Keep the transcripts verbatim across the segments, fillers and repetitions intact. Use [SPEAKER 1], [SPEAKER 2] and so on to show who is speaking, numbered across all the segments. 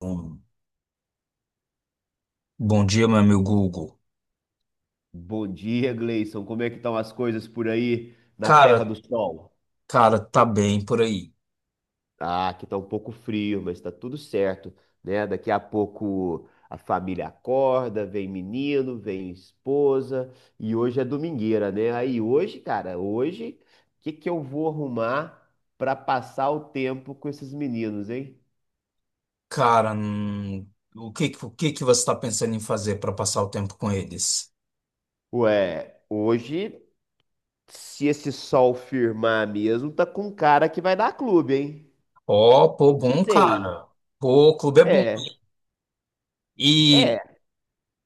[SPEAKER 1] Bom, bom dia, meu amigo Google.
[SPEAKER 2] Bom dia, Gleison. Como é que estão as coisas por aí na Terra
[SPEAKER 1] Cara,
[SPEAKER 2] do Sol?
[SPEAKER 1] cara, tá bem por aí.
[SPEAKER 2] Ah, aqui tá um pouco frio, mas tá tudo certo, né? Daqui a pouco a família acorda, vem menino, vem esposa, e hoje é domingueira, né? Aí hoje, cara, hoje, o que que eu vou arrumar pra passar o tempo com esses meninos, hein?
[SPEAKER 1] Cara, hum, o que, que- o que que você tá pensando em fazer para passar o tempo com eles?
[SPEAKER 2] Ué, hoje, se esse sol firmar mesmo, tá com cara que vai dar clube, hein?
[SPEAKER 1] Ó, pô,
[SPEAKER 2] Não
[SPEAKER 1] bom,
[SPEAKER 2] sei.
[SPEAKER 1] cara. Pô, o clube é bom.
[SPEAKER 2] É.
[SPEAKER 1] E,
[SPEAKER 2] É,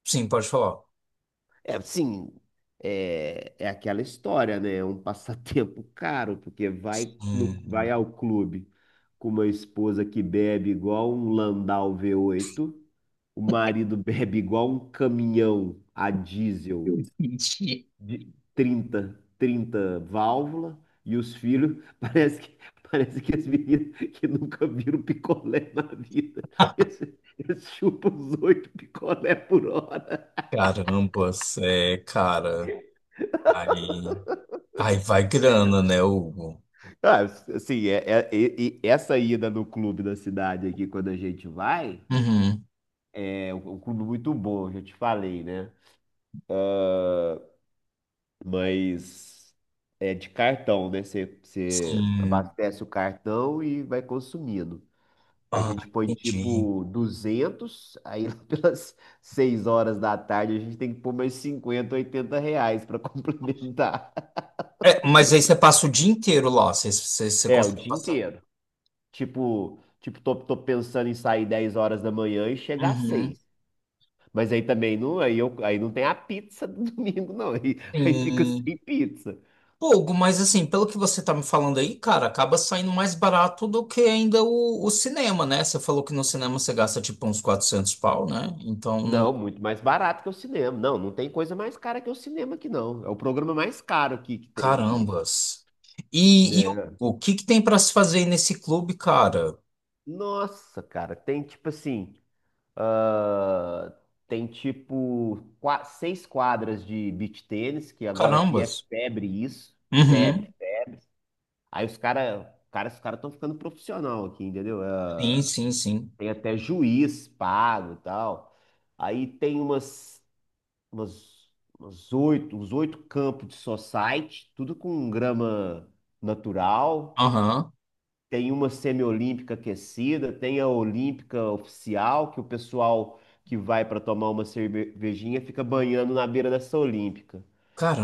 [SPEAKER 1] sim, pode falar.
[SPEAKER 2] É, sim, é, é aquela história, né? É um passatempo caro, porque vai, no, vai ao clube com uma esposa que bebe igual um Landau v oito, o marido bebe igual um caminhão a diesel
[SPEAKER 1] Hum, Ixi,
[SPEAKER 2] de trinta trinta válvula, e os filhos, parece que, parece que as meninas que nunca viram picolé na vida, eles, eles chupam os oito picolé por hora.
[SPEAKER 1] carambas, é, cara. Aí, aí vai grana, né, Hugo?
[SPEAKER 2] Ah, assim, é, é- e- e essa ida no clube da cidade aqui, quando a gente vai,
[SPEAKER 1] Uhum,
[SPEAKER 2] é um um clube muito bom, já te falei, né? Mas é de cartão, né? Você você
[SPEAKER 1] sim.
[SPEAKER 2] abastece o cartão e vai consumindo. A
[SPEAKER 1] Ah,
[SPEAKER 2] gente põe
[SPEAKER 1] entendi.
[SPEAKER 2] tipo duzentos aí. Pelas seis horas da tarde a gente tem que pôr mais cinquenta, oitenta reais para complementar.
[SPEAKER 1] É, mas aí você passa o dia inteiro lá. Você, você, você
[SPEAKER 2] É, o
[SPEAKER 1] consegue
[SPEAKER 2] dia
[SPEAKER 1] passar.
[SPEAKER 2] inteiro. Tipo, tipo, tô, tô pensando em sair dez horas da manhã e chegar às
[SPEAKER 1] Uhum.
[SPEAKER 2] seis. Mas aí também não, aí, eu, aí não tem a pizza do domingo, não. Aí, aí fica sem
[SPEAKER 1] Sim.
[SPEAKER 2] pizza.
[SPEAKER 1] Pouco, mas assim, pelo que você tá me falando aí, cara, acaba saindo mais barato do que ainda o, o cinema, né? Você falou que no cinema você gasta tipo uns quatrocentos pau, né? Então,
[SPEAKER 2] Não,
[SPEAKER 1] no...
[SPEAKER 2] muito mais barato que o cinema. Não, não tem coisa mais cara que o cinema aqui, não. É o programa mais caro aqui que tem aqui.
[SPEAKER 1] Carambas. E, e o,
[SPEAKER 2] Né?
[SPEAKER 1] o que que tem pra se fazer aí nesse clube, cara?
[SPEAKER 2] Nossa, cara, tem tipo assim, ah, tem tipo qua- seis quadras de beach tênis, que agora aqui é
[SPEAKER 1] Carambas.
[SPEAKER 2] febre isso. Febre.
[SPEAKER 1] Uhum.
[SPEAKER 2] Aí os caras, cara, cara- os caras estão ficando profissional aqui, entendeu? Ah,
[SPEAKER 1] Sim, sim, sim.
[SPEAKER 2] Tem até juiz pago e tal. Aí tem umas, umas, umas oito, uns oito campos de society, tudo com grama natural.
[SPEAKER 1] Aham.
[SPEAKER 2] Tem uma semiolímpica aquecida, tem a olímpica oficial, que o pessoal que vai para tomar uma cervejinha fica banhando na beira dessa olímpica.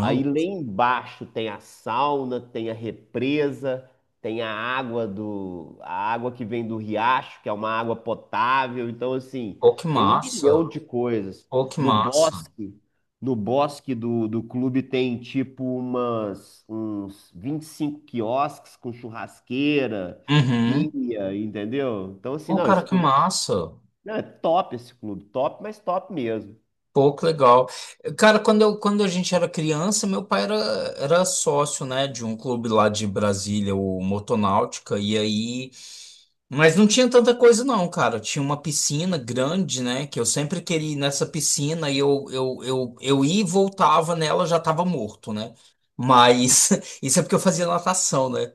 [SPEAKER 2] Aí lá embaixo tem a sauna, tem a represa, tem a água do, a água que vem do riacho, que é uma água potável. Então, assim,
[SPEAKER 1] Pô, que
[SPEAKER 2] tem um
[SPEAKER 1] massa.
[SPEAKER 2] milhão de coisas.
[SPEAKER 1] Pô, que
[SPEAKER 2] No
[SPEAKER 1] massa.
[SPEAKER 2] bosque, no bosque do, do clube tem tipo umas, uns vinte e cinco quiosques com churrasqueira,
[SPEAKER 1] Uhum.
[SPEAKER 2] pia, entendeu? Então, assim,
[SPEAKER 1] Pô,
[SPEAKER 2] não,
[SPEAKER 1] cara,
[SPEAKER 2] esse
[SPEAKER 1] que
[SPEAKER 2] clube é,
[SPEAKER 1] massa.
[SPEAKER 2] não, é top esse clube, top, mas top mesmo.
[SPEAKER 1] Pô, que legal. Cara, quando, eu, quando a gente era criança, meu pai era, era sócio, né, de um clube lá de Brasília, o Motonáutica, e aí. Mas não tinha tanta coisa, não, cara. Tinha uma piscina grande, né, que eu sempre queria ir nessa piscina e eu, eu, eu, eu ia e voltava nela, já tava morto, né? Mas isso é porque eu fazia natação, né?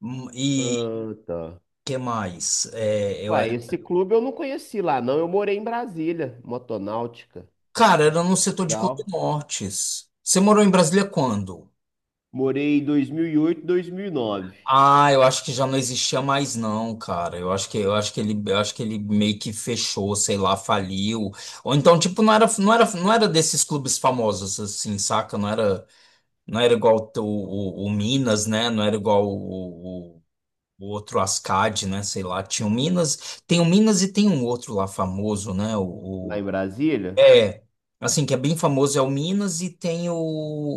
[SPEAKER 1] Hum, E
[SPEAKER 2] Ah, tá.
[SPEAKER 1] que mais? É, eu, é
[SPEAKER 2] Ué, esse clube eu não conheci lá, não. Eu morei em Brasília, Motonáutica.
[SPEAKER 1] cara, era no setor de Clube
[SPEAKER 2] Legal.
[SPEAKER 1] Nortes. Você morou em Brasília quando?
[SPEAKER 2] Morei em dois dois mil mil e oito, dois mil e nove
[SPEAKER 1] Ah, eu acho que já não existia mais não, cara. Eu acho que eu acho que ele eu acho que ele meio que fechou, sei lá, faliu. Ou então tipo não era não era não era desses clubes famosos assim, saca? Não era não era igual o, o, o Minas, né? Não era igual o, o, o outro Ascad, né? Sei lá. Tinha o Minas, tem o Minas e tem um outro lá famoso, né? O,
[SPEAKER 2] lá em
[SPEAKER 1] o-
[SPEAKER 2] Brasília.
[SPEAKER 1] é assim que é bem famoso é o Minas e tem o,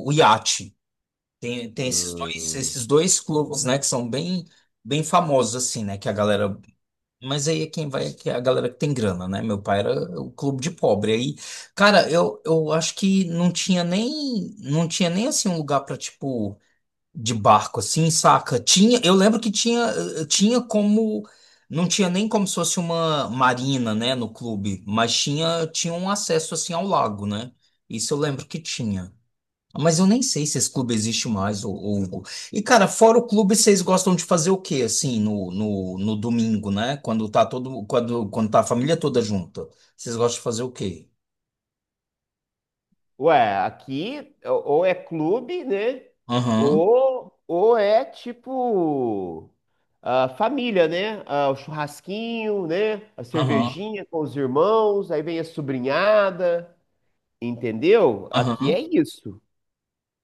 [SPEAKER 1] o Iate. Tem, tem esses dois,
[SPEAKER 2] Hum.
[SPEAKER 1] esses dois clubes, né, que são bem, bem famosos, assim, né, que a galera... Mas aí é quem vai, que é a galera que tem grana, né? Meu pai era o clube de pobre. Aí, cara, eu, eu acho que não tinha nem, não tinha nem, assim, um lugar pra, tipo, de barco, assim, saca? Tinha, eu lembro que tinha, eh, tinha como... Não tinha nem como se fosse uma marina, né, no clube, mas tinha, tinha um acesso, assim, ao lago, né? Isso eu lembro que tinha. Mas eu nem sei se esse clube existe mais, ô- ô Hugo. E, cara, fora o clube, vocês gostam de fazer o quê, assim, no, no, no domingo, né? Quando tá todo, quando, quando tá a família toda junta. Vocês gostam de fazer o quê?
[SPEAKER 2] Ué, aqui ou ou é clube, né?
[SPEAKER 1] Aham,
[SPEAKER 2] Ou, ou é tipo a família, né? Ah, o churrasquinho, né? A
[SPEAKER 1] aham,
[SPEAKER 2] cervejinha com os irmãos, aí vem a sobrinhada, entendeu? Aqui é
[SPEAKER 1] aham.
[SPEAKER 2] isso.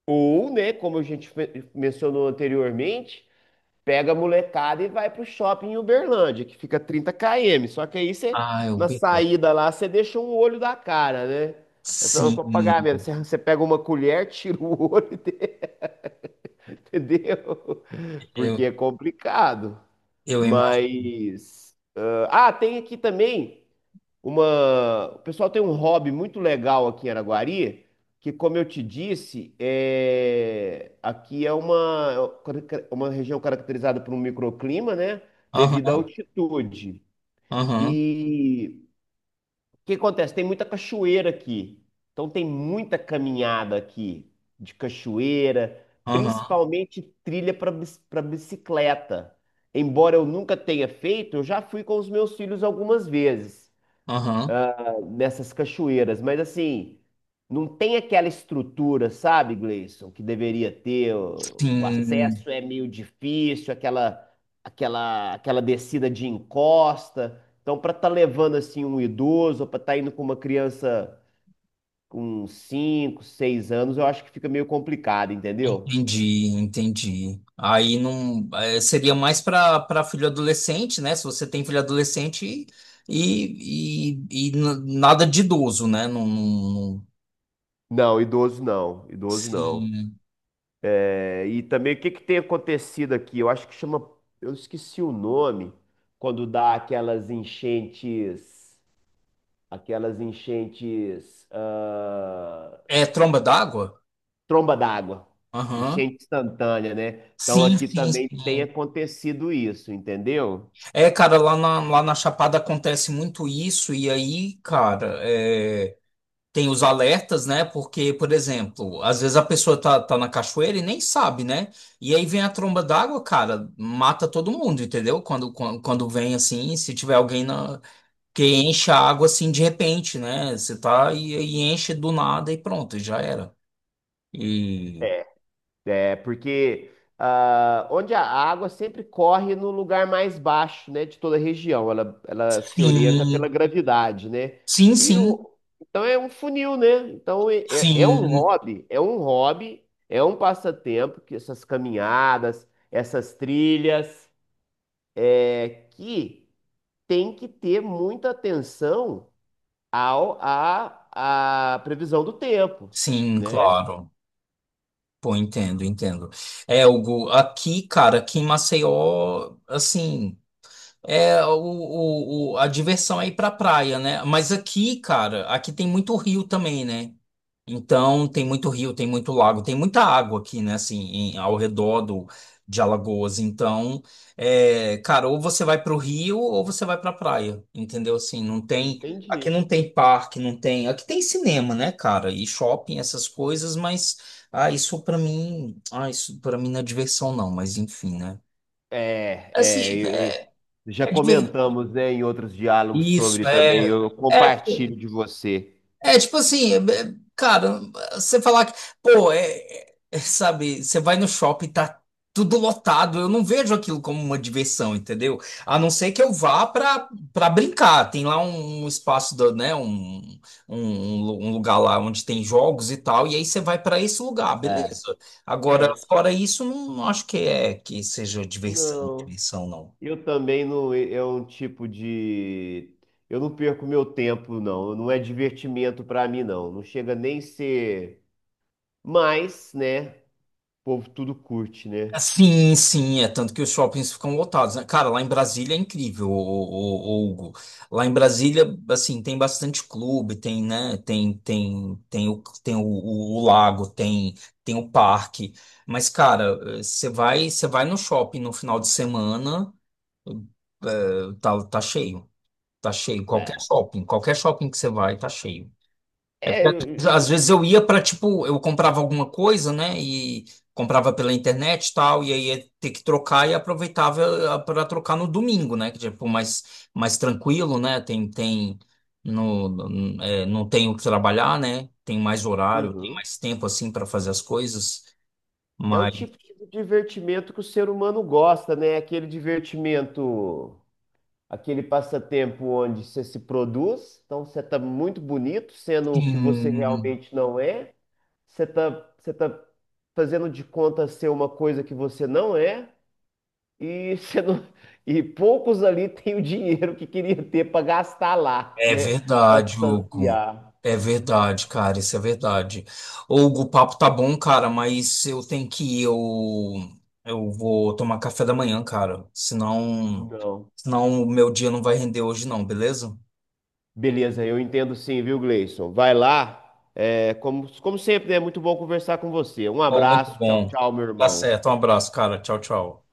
[SPEAKER 2] Ou, né, como a gente fe- mencionou anteriormente, pega a molecada e vai pro shopping em Uberlândia, que fica trinta quilômetros. Só que aí você,
[SPEAKER 1] Ah, eu
[SPEAKER 2] na
[SPEAKER 1] bebo.
[SPEAKER 2] saída lá, você deixa um olho da cara, né? Eu falo: "Qual o
[SPEAKER 1] Sim,
[SPEAKER 2] pagamento?" Você você pega uma colher, tira o olho, entendeu? Porque
[SPEAKER 1] eu,
[SPEAKER 2] é complicado.
[SPEAKER 1] eu imagino.
[SPEAKER 2] Mas. Ah, tem aqui também uma. O pessoal tem um hobby muito legal aqui em Araguari, que, como eu te disse, é... aqui é uma... uma região caracterizada por um microclima, né? Devido à
[SPEAKER 1] Aham,
[SPEAKER 2] altitude.
[SPEAKER 1] aham,
[SPEAKER 2] E o que acontece? Tem muita cachoeira aqui. Então, tem muita caminhada aqui de cachoeira,
[SPEAKER 1] aham,
[SPEAKER 2] principalmente trilha para bicicleta. Embora eu nunca tenha feito, eu já fui com os meus filhos algumas vezes
[SPEAKER 1] aham.
[SPEAKER 2] nessas cachoeiras, mas assim, não tem aquela estrutura, sabe, Gleison, que deveria ter. O, o
[SPEAKER 1] Sim.
[SPEAKER 2] acesso é meio difícil, aquela, aquela, aquela descida de encosta. Então, para estar levando assim um idoso, para estar indo com uma criança com cinco, seis anos, eu acho que fica meio complicado, entendeu?
[SPEAKER 1] Entendi, entendi. Aí não é, seria mais para para filho adolescente, né? Se você tem filho adolescente e, e, e n- nada de idoso, né? Não, não- não-
[SPEAKER 2] Não, idoso não, idoso não.
[SPEAKER 1] sim.
[SPEAKER 2] É, e também o que que tem acontecido aqui? Eu acho que chama, eu esqueci o nome, quando dá aquelas enchentes, aquelas enchentes, ah,
[SPEAKER 1] É tromba d'água?
[SPEAKER 2] tromba d'água,
[SPEAKER 1] Aham.
[SPEAKER 2] enchente instantânea, né? Então
[SPEAKER 1] Sim,
[SPEAKER 2] aqui
[SPEAKER 1] sim,
[SPEAKER 2] também tem
[SPEAKER 1] sim.
[SPEAKER 2] acontecido isso, entendeu?
[SPEAKER 1] É, cara, lá na, lá na Chapada acontece muito isso, e aí, cara, é. Tem os alertas, né? Porque, por exemplo, às vezes a pessoa tá, tá na cachoeira e nem sabe, né? E aí vem a tromba d'água, cara, mata todo mundo, entendeu? Quando, quando, quando vem assim, se tiver alguém na, que enche a água assim de repente, né? Você tá e, e enche do nada e pronto, já era. E
[SPEAKER 2] É, porque ah, onde a água sempre corre no lugar mais baixo, né, de toda a região, ela, ela se orienta pela
[SPEAKER 1] sim,
[SPEAKER 2] gravidade, né?
[SPEAKER 1] sim,
[SPEAKER 2] E
[SPEAKER 1] sim,
[SPEAKER 2] o, então é um funil, né? Então é, é é um
[SPEAKER 1] sim,
[SPEAKER 2] hobby, é um hobby, é um passatempo, que essas caminhadas, essas trilhas, é, que tem que ter muita atenção ao à à previsão do tempo,
[SPEAKER 1] sim,
[SPEAKER 2] né?
[SPEAKER 1] claro. Pô, entendo, entendo. É, Hugo, aqui, cara, aqui em Maceió, assim. É, o, o, o- a diversão é ir pra praia, né? Mas aqui, cara, aqui tem muito rio também, né? Então, tem muito rio, tem muito lago, tem muita água aqui, né? Assim, em- ao redor do, de Alagoas. Então, é, cara, ou você vai pro rio ou você vai pra praia, entendeu? Assim, não tem. Aqui
[SPEAKER 2] Entendi.
[SPEAKER 1] não tem parque, não tem. Aqui tem cinema, né, cara? E shopping, essas coisas, mas. Ah, isso pra mim. Ah, isso pra mim não é diversão, não, mas enfim, né?
[SPEAKER 2] É, é,
[SPEAKER 1] Assim,
[SPEAKER 2] eu, Já comentamos, né, em outros diálogos
[SPEAKER 1] isso,
[SPEAKER 2] sobre também.
[SPEAKER 1] é.
[SPEAKER 2] Eu
[SPEAKER 1] É,
[SPEAKER 2] compartilho
[SPEAKER 1] pô,
[SPEAKER 2] de você.
[SPEAKER 1] é tipo assim, é- é- cara, você falar que, pô, é, é, sabe, você vai no shopping, tá tudo lotado, eu não vejo aquilo como uma diversão, entendeu? A não ser que eu vá pra, pra brincar, tem lá um um espaço, do, né, um, um, um lu- um lugar lá onde tem jogos e tal, e aí você vai pra esse lugar,
[SPEAKER 2] É.
[SPEAKER 1] beleza. Agora,
[SPEAKER 2] Certo.
[SPEAKER 1] fora isso, não, não acho que é que seja diversão,
[SPEAKER 2] Não,
[SPEAKER 1] diversão, não.
[SPEAKER 2] eu também não, é um tipo de, eu não perco meu tempo, não, não é divertimento pra mim, não, não chega nem ser, mas, né, o povo tudo curte, né?
[SPEAKER 1] Sim, sim, é tanto que os shoppings ficam lotados, né? Cara, lá em Brasília é incrível, ô, ô, ô, Hugo. Lá em Brasília, assim, tem bastante clube, tem, né? Tem, tem, tem o, tem o, o- o lago, tem, tem o parque. Mas, cara, eh, você vai, você vai no shopping no final de semana, eh, tá, tá cheio, tá cheio. Qualquer
[SPEAKER 2] É.
[SPEAKER 1] shopping, qualquer shopping que você vai, tá cheio. É porque
[SPEAKER 2] É,
[SPEAKER 1] às vezes eu ia para, tipo, eu comprava alguma coisa, né? E comprava pela internet e tal, e aí ia ter que trocar e aproveitava para trocar no domingo, né? Que tipo, mais, mais tranquilo, né? Tem, tem, no, no- É, não tenho que trabalhar, né? Tem mais horário, tem
[SPEAKER 2] uhum.
[SPEAKER 1] mais tempo, assim, para fazer as coisas.
[SPEAKER 2] É o
[SPEAKER 1] Mas.
[SPEAKER 2] tipo de divertimento que o ser humano gosta, né? Aquele divertimento, aquele passatempo onde você se produz, então você está muito bonito, sendo o que você
[SPEAKER 1] Sim.
[SPEAKER 2] realmente não é, você está você tá fazendo de conta ser uma coisa que você não é, e, você não- e poucos ali têm o dinheiro que queria ter para gastar lá,
[SPEAKER 1] É
[SPEAKER 2] né? Para
[SPEAKER 1] verdade, Hugo.
[SPEAKER 2] saciar.
[SPEAKER 1] É verdade, cara, isso é verdade. Hugo, o papo tá bom, cara, mas eu tenho que ir. Eu, eu vou tomar café da manhã, cara. Senão,
[SPEAKER 2] Não.
[SPEAKER 1] senão o meu dia não vai render hoje, não, beleza?
[SPEAKER 2] Beleza, eu entendo, sim, viu, Gleison? Vai lá. É, como, como sempre, né? É muito bom conversar com você. Um
[SPEAKER 1] Pô, muito
[SPEAKER 2] abraço, tchau,
[SPEAKER 1] bom.
[SPEAKER 2] tchau, meu
[SPEAKER 1] Tá
[SPEAKER 2] irmão.
[SPEAKER 1] certo. Um abraço, cara. Tchau, tchau.